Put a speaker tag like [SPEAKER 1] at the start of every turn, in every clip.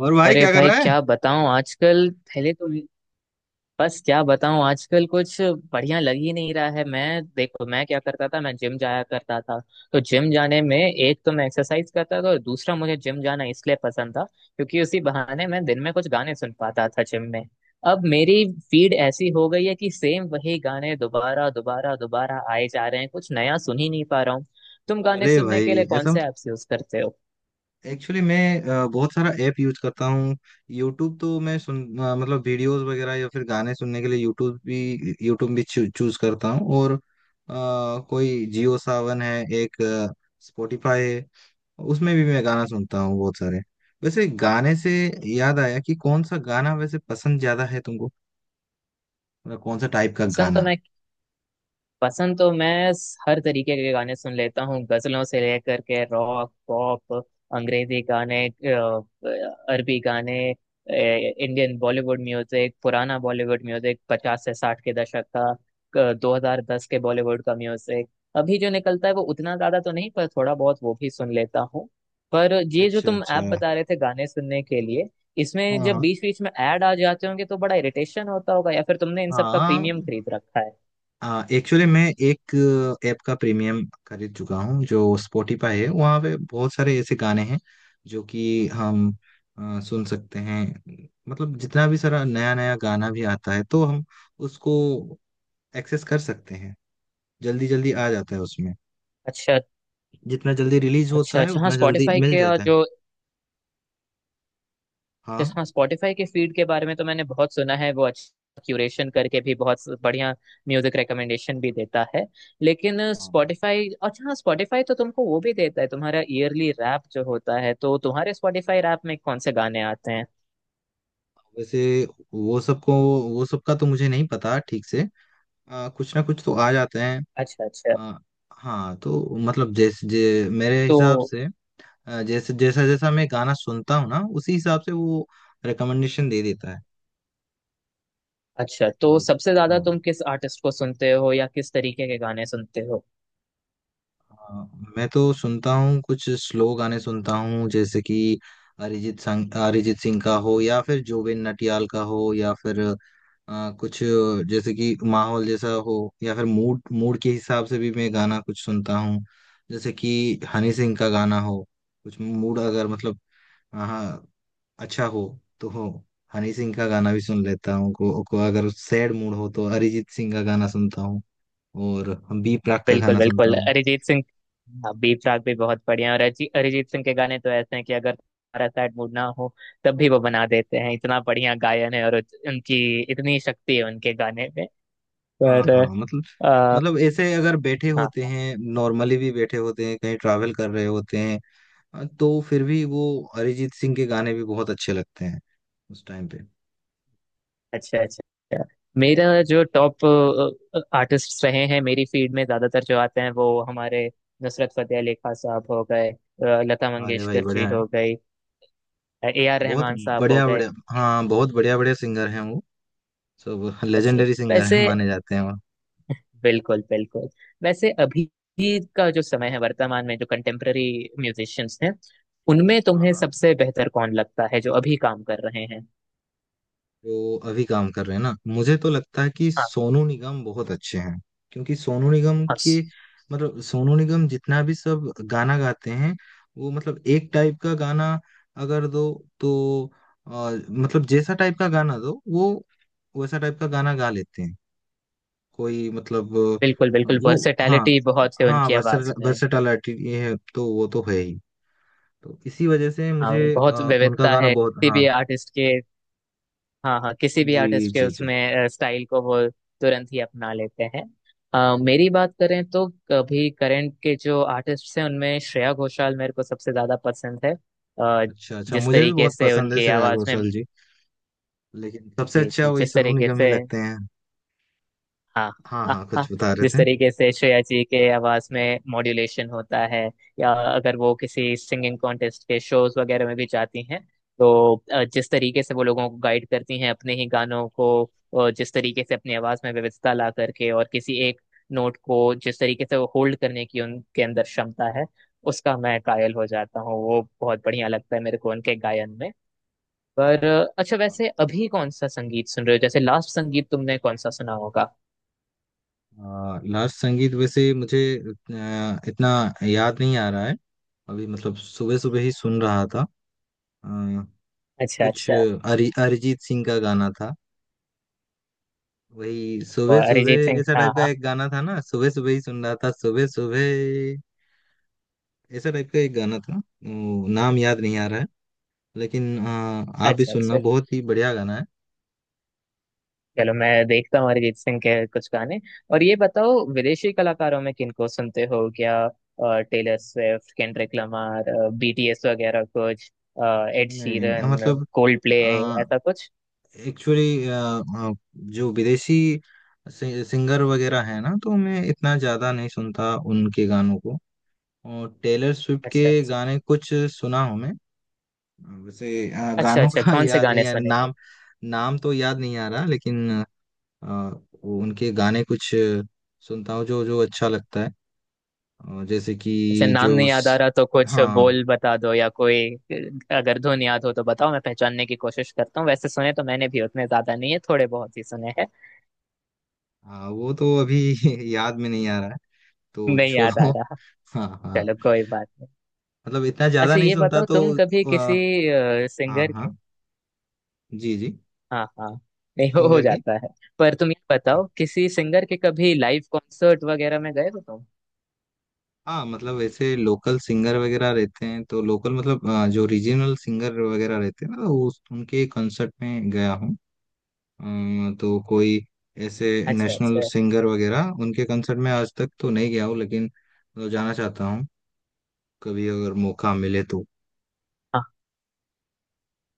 [SPEAKER 1] और भाई
[SPEAKER 2] अरे
[SPEAKER 1] क्या कर
[SPEAKER 2] भाई
[SPEAKER 1] रहा है।
[SPEAKER 2] क्या बताऊं, आजकल पहले तो बस क्या बताऊं आजकल कुछ बढ़िया लग ही नहीं रहा है। मैं देखो, मैं क्या करता था, मैं जिम जाया करता था। तो जिम जाने में एक तो मैं एक्सरसाइज करता था और दूसरा मुझे जिम जाना इसलिए पसंद था क्योंकि उसी बहाने मैं दिन में कुछ गाने सुन पाता था जिम में। अब मेरी फीड ऐसी हो गई है कि सेम वही गाने दोबारा दोबारा दोबारा आए जा रहे हैं, कुछ नया सुन ही नहीं पा रहा हूँ। तुम गाने
[SPEAKER 1] अरे
[SPEAKER 2] सुनने के
[SPEAKER 1] भाई
[SPEAKER 2] लिए कौन
[SPEAKER 1] ऐसा
[SPEAKER 2] से ऐप्स यूज करते हो?
[SPEAKER 1] एक्चुअली मैं बहुत सारा ऐप यूज करता हूँ। यूट्यूब तो मतलब वीडियोस वगैरह या फिर गाने सुनने के लिए यूट्यूब भी चूज करता हूँ। कोई जियो सावन है, एक स्पॉटिफाई है, उसमें भी मैं गाना सुनता हूँ बहुत सारे। वैसे गाने से याद आया कि कौन सा गाना वैसे पसंद ज्यादा है तुमको, मतलब कौन सा टाइप का
[SPEAKER 2] पसंद तो
[SPEAKER 1] गाना।
[SPEAKER 2] मैं पसंद तो मैं हर तरीके के गाने सुन लेता हूँ, गजलों से लेकर के रॉक पॉप, अंग्रेजी गाने, अरबी गाने, इंडियन बॉलीवुड म्यूजिक, पुराना बॉलीवुड म्यूजिक 50 से 60 के दशक का, 2010 के बॉलीवुड का म्यूजिक। अभी जो निकलता है वो उतना ज्यादा तो नहीं पर थोड़ा बहुत वो भी सुन लेता हूँ। पर ये जो
[SPEAKER 1] अच्छा
[SPEAKER 2] तुम
[SPEAKER 1] अच्छा।
[SPEAKER 2] ऐप बता रहे थे गाने सुनने के लिए, इसमें
[SPEAKER 1] हाँ
[SPEAKER 2] जब
[SPEAKER 1] हाँ
[SPEAKER 2] बीच बीच में ऐड आ जाते होंगे तो बड़ा इरिटेशन होता होगा, या फिर तुमने इन सब का
[SPEAKER 1] हाँ।
[SPEAKER 2] प्रीमियम खरीद रखा है?
[SPEAKER 1] एक्चुअली मैं एक ऐप का प्रीमियम खरीद चुका हूँ। जो स्पॉटिफाई है वहाँ पे बहुत सारे ऐसे गाने हैं जो कि हम सुन सकते हैं। मतलब जितना भी सारा नया नया गाना भी आता है तो हम उसको एक्सेस कर सकते हैं। जल्दी जल्दी आ जाता है उसमें।
[SPEAKER 2] अच्छा
[SPEAKER 1] जितना जल्दी रिलीज
[SPEAKER 2] अच्छा।
[SPEAKER 1] होता है
[SPEAKER 2] अच्छा हाँ,
[SPEAKER 1] उतना जल्दी
[SPEAKER 2] स्पॉटिफाई
[SPEAKER 1] मिल
[SPEAKER 2] के और
[SPEAKER 1] जाता है।
[SPEAKER 2] जो,
[SPEAKER 1] हाँ
[SPEAKER 2] हाँ, स्पॉटिफाई के फीड के बारे में तो मैंने बहुत सुना है, वो अच्छा क्यूरेशन करके भी बहुत बढ़िया म्यूजिक रिकमेंडेशन भी देता है। लेकिन
[SPEAKER 1] हाँ।
[SPEAKER 2] स्पॉटिफाई, अच्छा, हाँ, स्पॉटिफाई तो तुमको वो भी देता है, तुम्हारा ईयरली रैप जो होता है, तो तुम्हारे स्पॉटिफाई रैप में कौन से गाने आते हैं?
[SPEAKER 1] वैसे वो सबको वो सबका तो मुझे नहीं पता ठीक से। कुछ ना कुछ तो आ जाते हैं।
[SPEAKER 2] अच्छा अच्छा।
[SPEAKER 1] अ, हाँ तो मतलब मेरे हिसाब
[SPEAKER 2] तो
[SPEAKER 1] से, जैसे जैसा जैसा मैं गाना सुनता हूँ ना, उसी हिसाब से वो रिकमेंडेशन दे देता है।
[SPEAKER 2] अच्छा, तो
[SPEAKER 1] वो-
[SPEAKER 2] सबसे ज्यादा
[SPEAKER 1] हाँ।
[SPEAKER 2] तुम किस आर्टिस्ट को सुनते हो, या किस तरीके के गाने सुनते हो?
[SPEAKER 1] अ, मैं तो सुनता हूँ, कुछ स्लो गाने सुनता हूँ, जैसे कि अरिजीत सिंह का हो या फिर जुबिन नटियाल का हो, या फिर कुछ जैसे कि माहौल जैसा हो, या फिर मूड मूड के हिसाब से भी मैं गाना कुछ सुनता हूँ। जैसे कि हनी सिंह का गाना हो, कुछ मूड अगर मतलब, हाँ, अच्छा हो तो हो, हनी सिंह का गाना भी सुन लेता हूँ। को अगर सैड मूड हो तो अरिजीत सिंह का गाना सुनता हूँ, और हम बी प्राक का
[SPEAKER 2] बिल्कुल
[SPEAKER 1] गाना सुनता
[SPEAKER 2] बिल्कुल,
[SPEAKER 1] हूँ।
[SPEAKER 2] अरिजीत सिंह। हाँ, बीप राग भी बहुत बढ़िया है, और अरिजीत सिंह के गाने तो ऐसे हैं कि अगर तुम्हारा सैड मूड ना हो तब भी वो बना देते हैं, इतना बढ़िया गायन है, और उनकी इतनी शक्ति है उनके गाने में।
[SPEAKER 1] हाँ
[SPEAKER 2] पर
[SPEAKER 1] हाँ। मतलब,
[SPEAKER 2] आ,
[SPEAKER 1] मतलब ऐसे अगर बैठे होते
[SPEAKER 2] हाँ,
[SPEAKER 1] हैं, नॉर्मली भी बैठे होते हैं, कहीं ट्रैवल कर रहे होते हैं, हाँ, तो फिर भी वो अरिजीत सिंह के गाने भी बहुत अच्छे लगते हैं उस टाइम पे।
[SPEAKER 2] अच्छा अच्छा। मेरा जो टॉप आर्टिस्ट रहे हैं मेरी फील्ड में, ज्यादातर जो आते हैं वो हमारे नुसरत फतेह अली खान साहब हो गए, लता
[SPEAKER 1] अरे भाई
[SPEAKER 2] मंगेशकर जी
[SPEAKER 1] बढ़िया है।
[SPEAKER 2] हो गई, ए आर
[SPEAKER 1] बहुत
[SPEAKER 2] रहमान साहब हो
[SPEAKER 1] बढ़िया
[SPEAKER 2] गए।
[SPEAKER 1] बढ़िया, हाँ, बहुत बढ़िया बढ़िया सिंगर हैं वो। सब
[SPEAKER 2] अच्छा,
[SPEAKER 1] लेजेंडरी सिंगर हैं
[SPEAKER 2] वैसे,
[SPEAKER 1] माने जाते हैं वो।
[SPEAKER 2] बिल्कुल बिल्कुल। वैसे अभी का जो समय है, वर्तमान में जो कंटेम्पररी म्यूजिशियंस हैं, उनमें तुम्हें
[SPEAKER 1] हाँ,
[SPEAKER 2] सबसे बेहतर कौन लगता है जो अभी काम कर रहे हैं?
[SPEAKER 1] जो अभी काम कर रहे हैं ना, मुझे तो लगता है कि
[SPEAKER 2] हाँ
[SPEAKER 1] सोनू निगम बहुत अच्छे हैं। क्योंकि सोनू निगम
[SPEAKER 2] हाँ।
[SPEAKER 1] के, मतलब सोनू निगम जितना भी सब गाना गाते हैं, वो मतलब एक टाइप का गाना अगर दो तो, अ, मतलब जैसा टाइप का गाना दो वो वैसा टाइप का गाना गा लेते हैं। कोई मतलब,
[SPEAKER 2] बिल्कुल बिल्कुल,
[SPEAKER 1] वो हाँ।
[SPEAKER 2] वर्सेटैलिटी बहुत है
[SPEAKER 1] हाँ,
[SPEAKER 2] उनकी आवाज में।
[SPEAKER 1] वर्सेटालिटी ये है तो वो तो है ही। तो इसी वजह से
[SPEAKER 2] हाँ,
[SPEAKER 1] मुझे
[SPEAKER 2] बहुत
[SPEAKER 1] उनका
[SPEAKER 2] विविधता
[SPEAKER 1] गाना
[SPEAKER 2] है
[SPEAKER 1] बहुत,
[SPEAKER 2] किसी
[SPEAKER 1] हाँ
[SPEAKER 2] भी आर्टिस्ट के। हाँ हाँ, किसी भी
[SPEAKER 1] जी
[SPEAKER 2] आर्टिस्ट के
[SPEAKER 1] जी जी।
[SPEAKER 2] उसमें स्टाइल को वो तुरंत ही अपना लेते हैं। मेरी बात करें तो अभी करंट के जो आर्टिस्ट हैं उनमें श्रेया घोषाल मेरे को सबसे ज्यादा पसंद है। अ,
[SPEAKER 1] अच्छा अच्छा,
[SPEAKER 2] जिस
[SPEAKER 1] मुझे भी
[SPEAKER 2] तरीके
[SPEAKER 1] बहुत
[SPEAKER 2] से
[SPEAKER 1] पसंद है
[SPEAKER 2] उनकी
[SPEAKER 1] श्रेया
[SPEAKER 2] आवाज में,
[SPEAKER 1] घोषाल जी, लेकिन सबसे
[SPEAKER 2] जी
[SPEAKER 1] अच्छा
[SPEAKER 2] जी,
[SPEAKER 1] वही
[SPEAKER 2] जिस
[SPEAKER 1] सोनू
[SPEAKER 2] तरीके
[SPEAKER 1] निगम ही
[SPEAKER 2] से,
[SPEAKER 1] लगते हैं।
[SPEAKER 2] हाँ
[SPEAKER 1] हाँ
[SPEAKER 2] हाँ
[SPEAKER 1] हाँ,
[SPEAKER 2] हाँ,
[SPEAKER 1] कुछ बता रहे
[SPEAKER 2] जिस
[SPEAKER 1] थे।
[SPEAKER 2] तरीके से श्रेया जी के आवाज में मॉड्यूलेशन होता है, या अगर वो किसी सिंगिंग कॉन्टेस्ट के शोज वगैरह में भी जाती हैं, तो जिस तरीके से वो लोगों को गाइड करती हैं अपने ही गानों को, जिस तरीके से अपनी आवाज में विविधता ला करके और किसी एक नोट को जिस तरीके से वो होल्ड करने की उनके अंदर क्षमता है, उसका मैं कायल हो जाता हूँ, वो बहुत बढ़िया लगता है मेरे को उनके गायन में। पर अच्छा, वैसे अभी कौन सा संगीत सुन रहे हो, जैसे लास्ट संगीत तुमने कौन सा सुना होगा?
[SPEAKER 1] लास्ट संगीत वैसे मुझे इतना याद नहीं आ रहा है। अभी मतलब सुबह सुबह ही सुन रहा था। अ,
[SPEAKER 2] अच्छा
[SPEAKER 1] कुछ
[SPEAKER 2] अच्छा।
[SPEAKER 1] अरिजीत सिंह का गाना था। वही सुबह
[SPEAKER 2] और अरिजीत
[SPEAKER 1] सुबह
[SPEAKER 2] सिंह,
[SPEAKER 1] ऐसा
[SPEAKER 2] हाँ
[SPEAKER 1] टाइप का
[SPEAKER 2] हाँ।
[SPEAKER 1] एक गाना था ना, सुबह सुबह ही सुन रहा था, सुबह सुबह ऐसा टाइप का एक गाना था वो, नाम याद नहीं आ रहा है। लेकिन आप भी
[SPEAKER 2] अच्छा
[SPEAKER 1] सुनना,
[SPEAKER 2] अच्छा,
[SPEAKER 1] बहुत ही बढ़िया गाना है।
[SPEAKER 2] चलो मैं देखता हूँ अरिजीत सिंह के कुछ गाने। और ये बताओ, विदेशी कलाकारों में किनको सुनते हो, क्या Taylor Swift, Kendrick Lamar, BTS वगैरह कुछ, अ, एड
[SPEAKER 1] मैं
[SPEAKER 2] शीरन,
[SPEAKER 1] मतलब
[SPEAKER 2] कोल्ड प्ले, ऐसा कुछ?
[SPEAKER 1] एक्चुअली जो विदेशी सिंगर वगैरह है ना, तो मैं इतना ज़्यादा नहीं सुनता उनके गानों को। और टेलर स्विफ्ट
[SPEAKER 2] अच्छा
[SPEAKER 1] के
[SPEAKER 2] अच्छा।
[SPEAKER 1] गाने कुछ सुना हूँ मैं। वैसे
[SPEAKER 2] अच्छा,
[SPEAKER 1] गानों का
[SPEAKER 2] अच्छा कौन से
[SPEAKER 1] याद
[SPEAKER 2] गाने
[SPEAKER 1] नहीं आ
[SPEAKER 2] सुने हैं?
[SPEAKER 1] नाम। नाम तो याद नहीं आ रहा, लेकिन अ, वो उनके गाने कुछ सुनता हूँ, जो जो अच्छा लगता है। जैसे कि
[SPEAKER 2] अच्छा, नाम नहीं याद आ रहा तो कुछ
[SPEAKER 1] हाँ।
[SPEAKER 2] बोल बता दो, या कोई, अगर धुन याद हो तो बताओ, मैं पहचानने की कोशिश करता हूँ। वैसे सुने तो मैंने भी उतने ज्यादा नहीं है, थोड़े बहुत ही सुने हैं।
[SPEAKER 1] हाँ, वो तो अभी याद में नहीं आ रहा है, तो
[SPEAKER 2] नहीं याद आ
[SPEAKER 1] छोड़ो
[SPEAKER 2] रहा,
[SPEAKER 1] हाँ हाँ,
[SPEAKER 2] चलो कोई बात नहीं।
[SPEAKER 1] मतलब इतना ज्यादा
[SPEAKER 2] अच्छा,
[SPEAKER 1] नहीं
[SPEAKER 2] ये
[SPEAKER 1] सुनता
[SPEAKER 2] बताओ
[SPEAKER 1] तो।
[SPEAKER 2] तुम कभी
[SPEAKER 1] आ,
[SPEAKER 2] किसी
[SPEAKER 1] हाँ
[SPEAKER 2] सिंगर के,
[SPEAKER 1] हाँ, जी जी।
[SPEAKER 2] हाँ हाँ, नहीं, हो
[SPEAKER 1] सिंगर की।
[SPEAKER 2] जाता है। पर तुम ये
[SPEAKER 1] हाँ,
[SPEAKER 2] बताओ, किसी सिंगर के कभी लाइव कॉन्सर्ट वगैरह में गए हो तुम?
[SPEAKER 1] हाँ, मतलब ऐसे लोकल सिंगर वगैरह रहते हैं तो लोकल मतलब, जो रीजनल सिंगर वगैरह रहते हैं ना, तो उस उनके कंसर्ट में गया हूँ। तो कोई ऐसे
[SPEAKER 2] अच्छा
[SPEAKER 1] नेशनल
[SPEAKER 2] अच्छा।
[SPEAKER 1] सिंगर वगैरह उनके कंसर्ट में आज तक तो नहीं गया हूँ, लेकिन तो जाना चाहता हूँ कभी अगर मौका मिले तो।
[SPEAKER 2] हाँ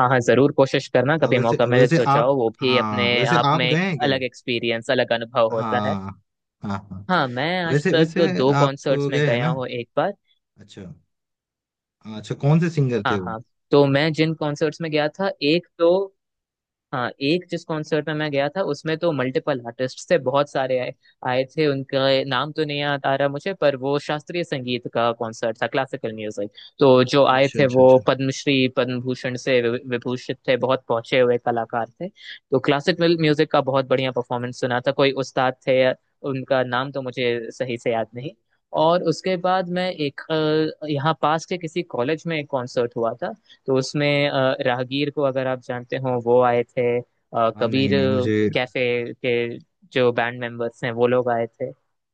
[SPEAKER 2] हाँ हाँ, जरूर कोशिश करना, कभी
[SPEAKER 1] वैसे
[SPEAKER 2] मौका मिले
[SPEAKER 1] वैसे
[SPEAKER 2] तो
[SPEAKER 1] आप,
[SPEAKER 2] जाओ, वो भी अपने
[SPEAKER 1] हाँ, वैसे
[SPEAKER 2] आप
[SPEAKER 1] आप
[SPEAKER 2] में
[SPEAKER 1] गए
[SPEAKER 2] एक
[SPEAKER 1] हैं क्या भाई।
[SPEAKER 2] अलग एक्सपीरियंस, अलग अनुभव होता है।
[SPEAKER 1] हाँ हाँ हाँ।
[SPEAKER 2] हाँ, मैं आज
[SPEAKER 1] वैसे
[SPEAKER 2] तक
[SPEAKER 1] वैसे
[SPEAKER 2] दो
[SPEAKER 1] आप
[SPEAKER 2] कॉन्सर्ट्स में
[SPEAKER 1] गए हैं
[SPEAKER 2] गया
[SPEAKER 1] ना।
[SPEAKER 2] हूँ, एक बार,
[SPEAKER 1] अच्छा अच्छा, कौन से सिंगर थे
[SPEAKER 2] हाँ
[SPEAKER 1] वो।
[SPEAKER 2] हाँ। तो मैं जिन कॉन्सर्ट्स में गया था एक तो, हाँ, एक जिस कॉन्सर्ट में मैं गया था उसमें तो मल्टीपल आर्टिस्ट थे, बहुत सारे आए आए थे। उनका नाम तो नहीं याद आ रहा मुझे, पर वो शास्त्रीय संगीत का कॉन्सर्ट था, क्लासिकल म्यूजिक। तो जो आए
[SPEAKER 1] अच्छा
[SPEAKER 2] थे
[SPEAKER 1] अच्छा
[SPEAKER 2] वो
[SPEAKER 1] अच्छा।
[SPEAKER 2] पद्मश्री, पद्म भूषण से विभूषित थे, बहुत पहुंचे हुए कलाकार थे, तो क्लासिकल म्यूजिक का बहुत बढ़िया परफॉर्मेंस सुना था, कोई उस्ताद थे। उनका नाम तो मुझे सही से याद नहीं। और उसके बाद मैं एक, यहाँ पास के किसी कॉलेज में एक कॉन्सर्ट हुआ था, तो उसमें राहगीर को, अगर आप जानते हो, वो आए थे।
[SPEAKER 1] हाँ,
[SPEAKER 2] कबीर
[SPEAKER 1] नहीं नहीं मुझे,
[SPEAKER 2] कैफे के जो बैंड मेंबर्स हैं वो लोग आए थे।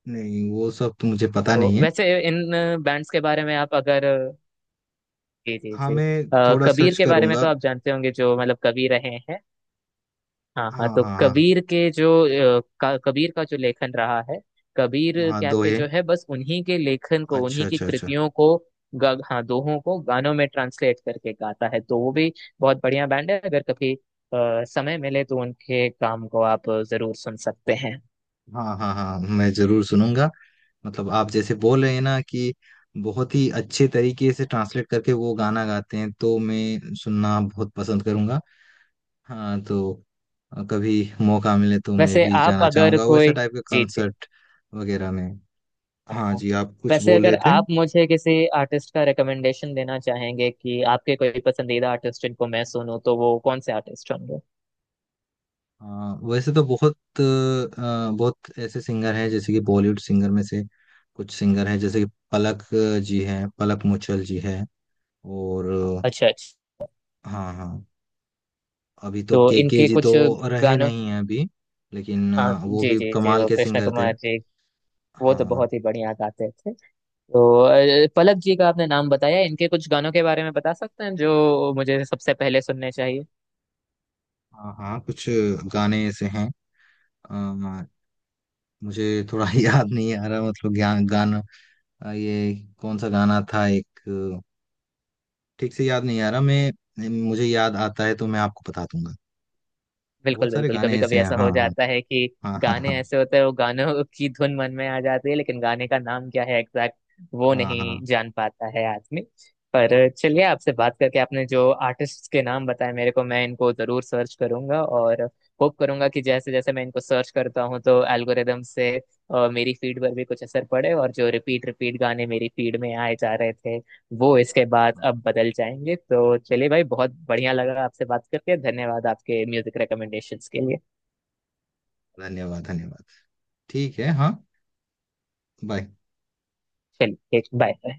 [SPEAKER 1] नहीं वो सब तो मुझे पता
[SPEAKER 2] तो
[SPEAKER 1] नहीं है।
[SPEAKER 2] वैसे इन बैंड्स के बारे में आप अगर, जी जी
[SPEAKER 1] हाँ,
[SPEAKER 2] जी,
[SPEAKER 1] मैं थोड़ा
[SPEAKER 2] कबीर
[SPEAKER 1] सर्च
[SPEAKER 2] के बारे में
[SPEAKER 1] करूंगा।
[SPEAKER 2] तो आप जानते होंगे, जो मतलब कवि रहे हैं। हाँ हाँ,
[SPEAKER 1] हाँ
[SPEAKER 2] तो
[SPEAKER 1] हाँ हाँ।
[SPEAKER 2] कबीर के जो कबीर का जो लेखन रहा है, कबीर
[SPEAKER 1] हाँ दो
[SPEAKER 2] कैफे
[SPEAKER 1] है।
[SPEAKER 2] जो है बस उन्हीं के लेखन को,
[SPEAKER 1] अच्छा
[SPEAKER 2] उन्हीं की
[SPEAKER 1] अच्छा अच्छा।
[SPEAKER 2] कृतियों को, हाँ, दोहों को गानों में ट्रांसलेट करके गाता है, तो वो भी बहुत बढ़िया बैंड है। अगर कभी समय मिले तो उनके काम को आप जरूर सुन सकते हैं।
[SPEAKER 1] हाँ हाँ हाँ, मैं जरूर सुनूंगा। मतलब आप जैसे बोल रहे हैं ना कि बहुत ही अच्छे तरीके से ट्रांसलेट करके वो गाना गाते हैं, तो मैं सुनना बहुत पसंद करूंगा। हाँ तो कभी मौका मिले तो मैं
[SPEAKER 2] वैसे
[SPEAKER 1] भी
[SPEAKER 2] आप
[SPEAKER 1] जाना
[SPEAKER 2] अगर
[SPEAKER 1] चाहूंगा वैसा
[SPEAKER 2] कोई,
[SPEAKER 1] टाइप के
[SPEAKER 2] जी जी,
[SPEAKER 1] कंसर्ट वगैरह में।
[SPEAKER 2] हाँ
[SPEAKER 1] हाँ
[SPEAKER 2] हाँ,
[SPEAKER 1] जी, आप कुछ
[SPEAKER 2] वैसे
[SPEAKER 1] बोल
[SPEAKER 2] अगर
[SPEAKER 1] रहे थे।
[SPEAKER 2] आप मुझे किसी आर्टिस्ट का रिकमेंडेशन देना चाहेंगे कि आपके कोई पसंदीदा आर्टिस्ट जिनको मैं सुनूं, तो वो कौन से आर्टिस्ट होंगे?
[SPEAKER 1] हाँ वैसे तो बहुत बहुत ऐसे सिंगर हैं, जैसे कि बॉलीवुड सिंगर में से, कुछ सिंगर हैं जैसे कि पलक जी हैं, पलक मुचल जी हैं। और अ,
[SPEAKER 2] अच्छा अच्छा।
[SPEAKER 1] हाँ हाँ, अभी तो
[SPEAKER 2] तो
[SPEAKER 1] के
[SPEAKER 2] इनके
[SPEAKER 1] जी तो
[SPEAKER 2] कुछ
[SPEAKER 1] रहे
[SPEAKER 2] गानों,
[SPEAKER 1] नहीं हैं अभी, लेकिन
[SPEAKER 2] हाँ
[SPEAKER 1] वो
[SPEAKER 2] जी
[SPEAKER 1] भी
[SPEAKER 2] जी जी,
[SPEAKER 1] कमाल
[SPEAKER 2] वो
[SPEAKER 1] के
[SPEAKER 2] कृष्ण
[SPEAKER 1] सिंगर थे।
[SPEAKER 2] कुमार जी वो तो
[SPEAKER 1] हाँ
[SPEAKER 2] बहुत ही बढ़िया गाते थे। तो पलक जी का आपने नाम बताया, इनके कुछ गानों के बारे में बता सकते हैं जो मुझे सबसे पहले सुनने चाहिए?
[SPEAKER 1] हाँ हाँ, कुछ गाने ऐसे हैं, अ, मुझे थोड़ा याद नहीं आ रहा, मतलब ज्ञान गाना, ये कौन सा गाना था एक, ठीक से याद नहीं आ रहा। मैं मुझे याद आता है तो मैं आपको बता दूंगा।
[SPEAKER 2] बिल्कुल
[SPEAKER 1] बहुत सारे
[SPEAKER 2] बिल्कुल,
[SPEAKER 1] गाने
[SPEAKER 2] कभी
[SPEAKER 1] ऐसे
[SPEAKER 2] कभी
[SPEAKER 1] हैं,
[SPEAKER 2] ऐसा
[SPEAKER 1] हाँ।
[SPEAKER 2] हो जाता है कि
[SPEAKER 1] हाँ हाँ
[SPEAKER 2] गाने
[SPEAKER 1] हाँ।
[SPEAKER 2] ऐसे होते हैं, वो गानों की धुन मन में आ जाती है लेकिन गाने का नाम क्या है एग्जैक्ट, वो
[SPEAKER 1] हाँ
[SPEAKER 2] नहीं
[SPEAKER 1] हाँ हाँ
[SPEAKER 2] जान पाता है आदमी। पर चलिए, आपसे बात करके, आपने जो आर्टिस्ट के नाम बताए मेरे को मैं इनको जरूर सर्च करूंगा और होप करूंगा कि जैसे जैसे मैं इनको सर्च करता हूँ तो एल्गोरिदम से मेरी फीड पर भी कुछ असर पड़े और जो रिपीट रिपीट गाने मेरी फीड में आए जा रहे थे वो इसके बाद
[SPEAKER 1] हाँ,
[SPEAKER 2] अब बदल जाएंगे। तो चलिए भाई, बहुत बढ़िया लगा आपसे बात करके, धन्यवाद आपके म्यूजिक रिकमेंडेशंस के लिए।
[SPEAKER 1] धन्यवाद धन्यवाद। ठीक है, हाँ, बाय।
[SPEAKER 2] चलिए बाय।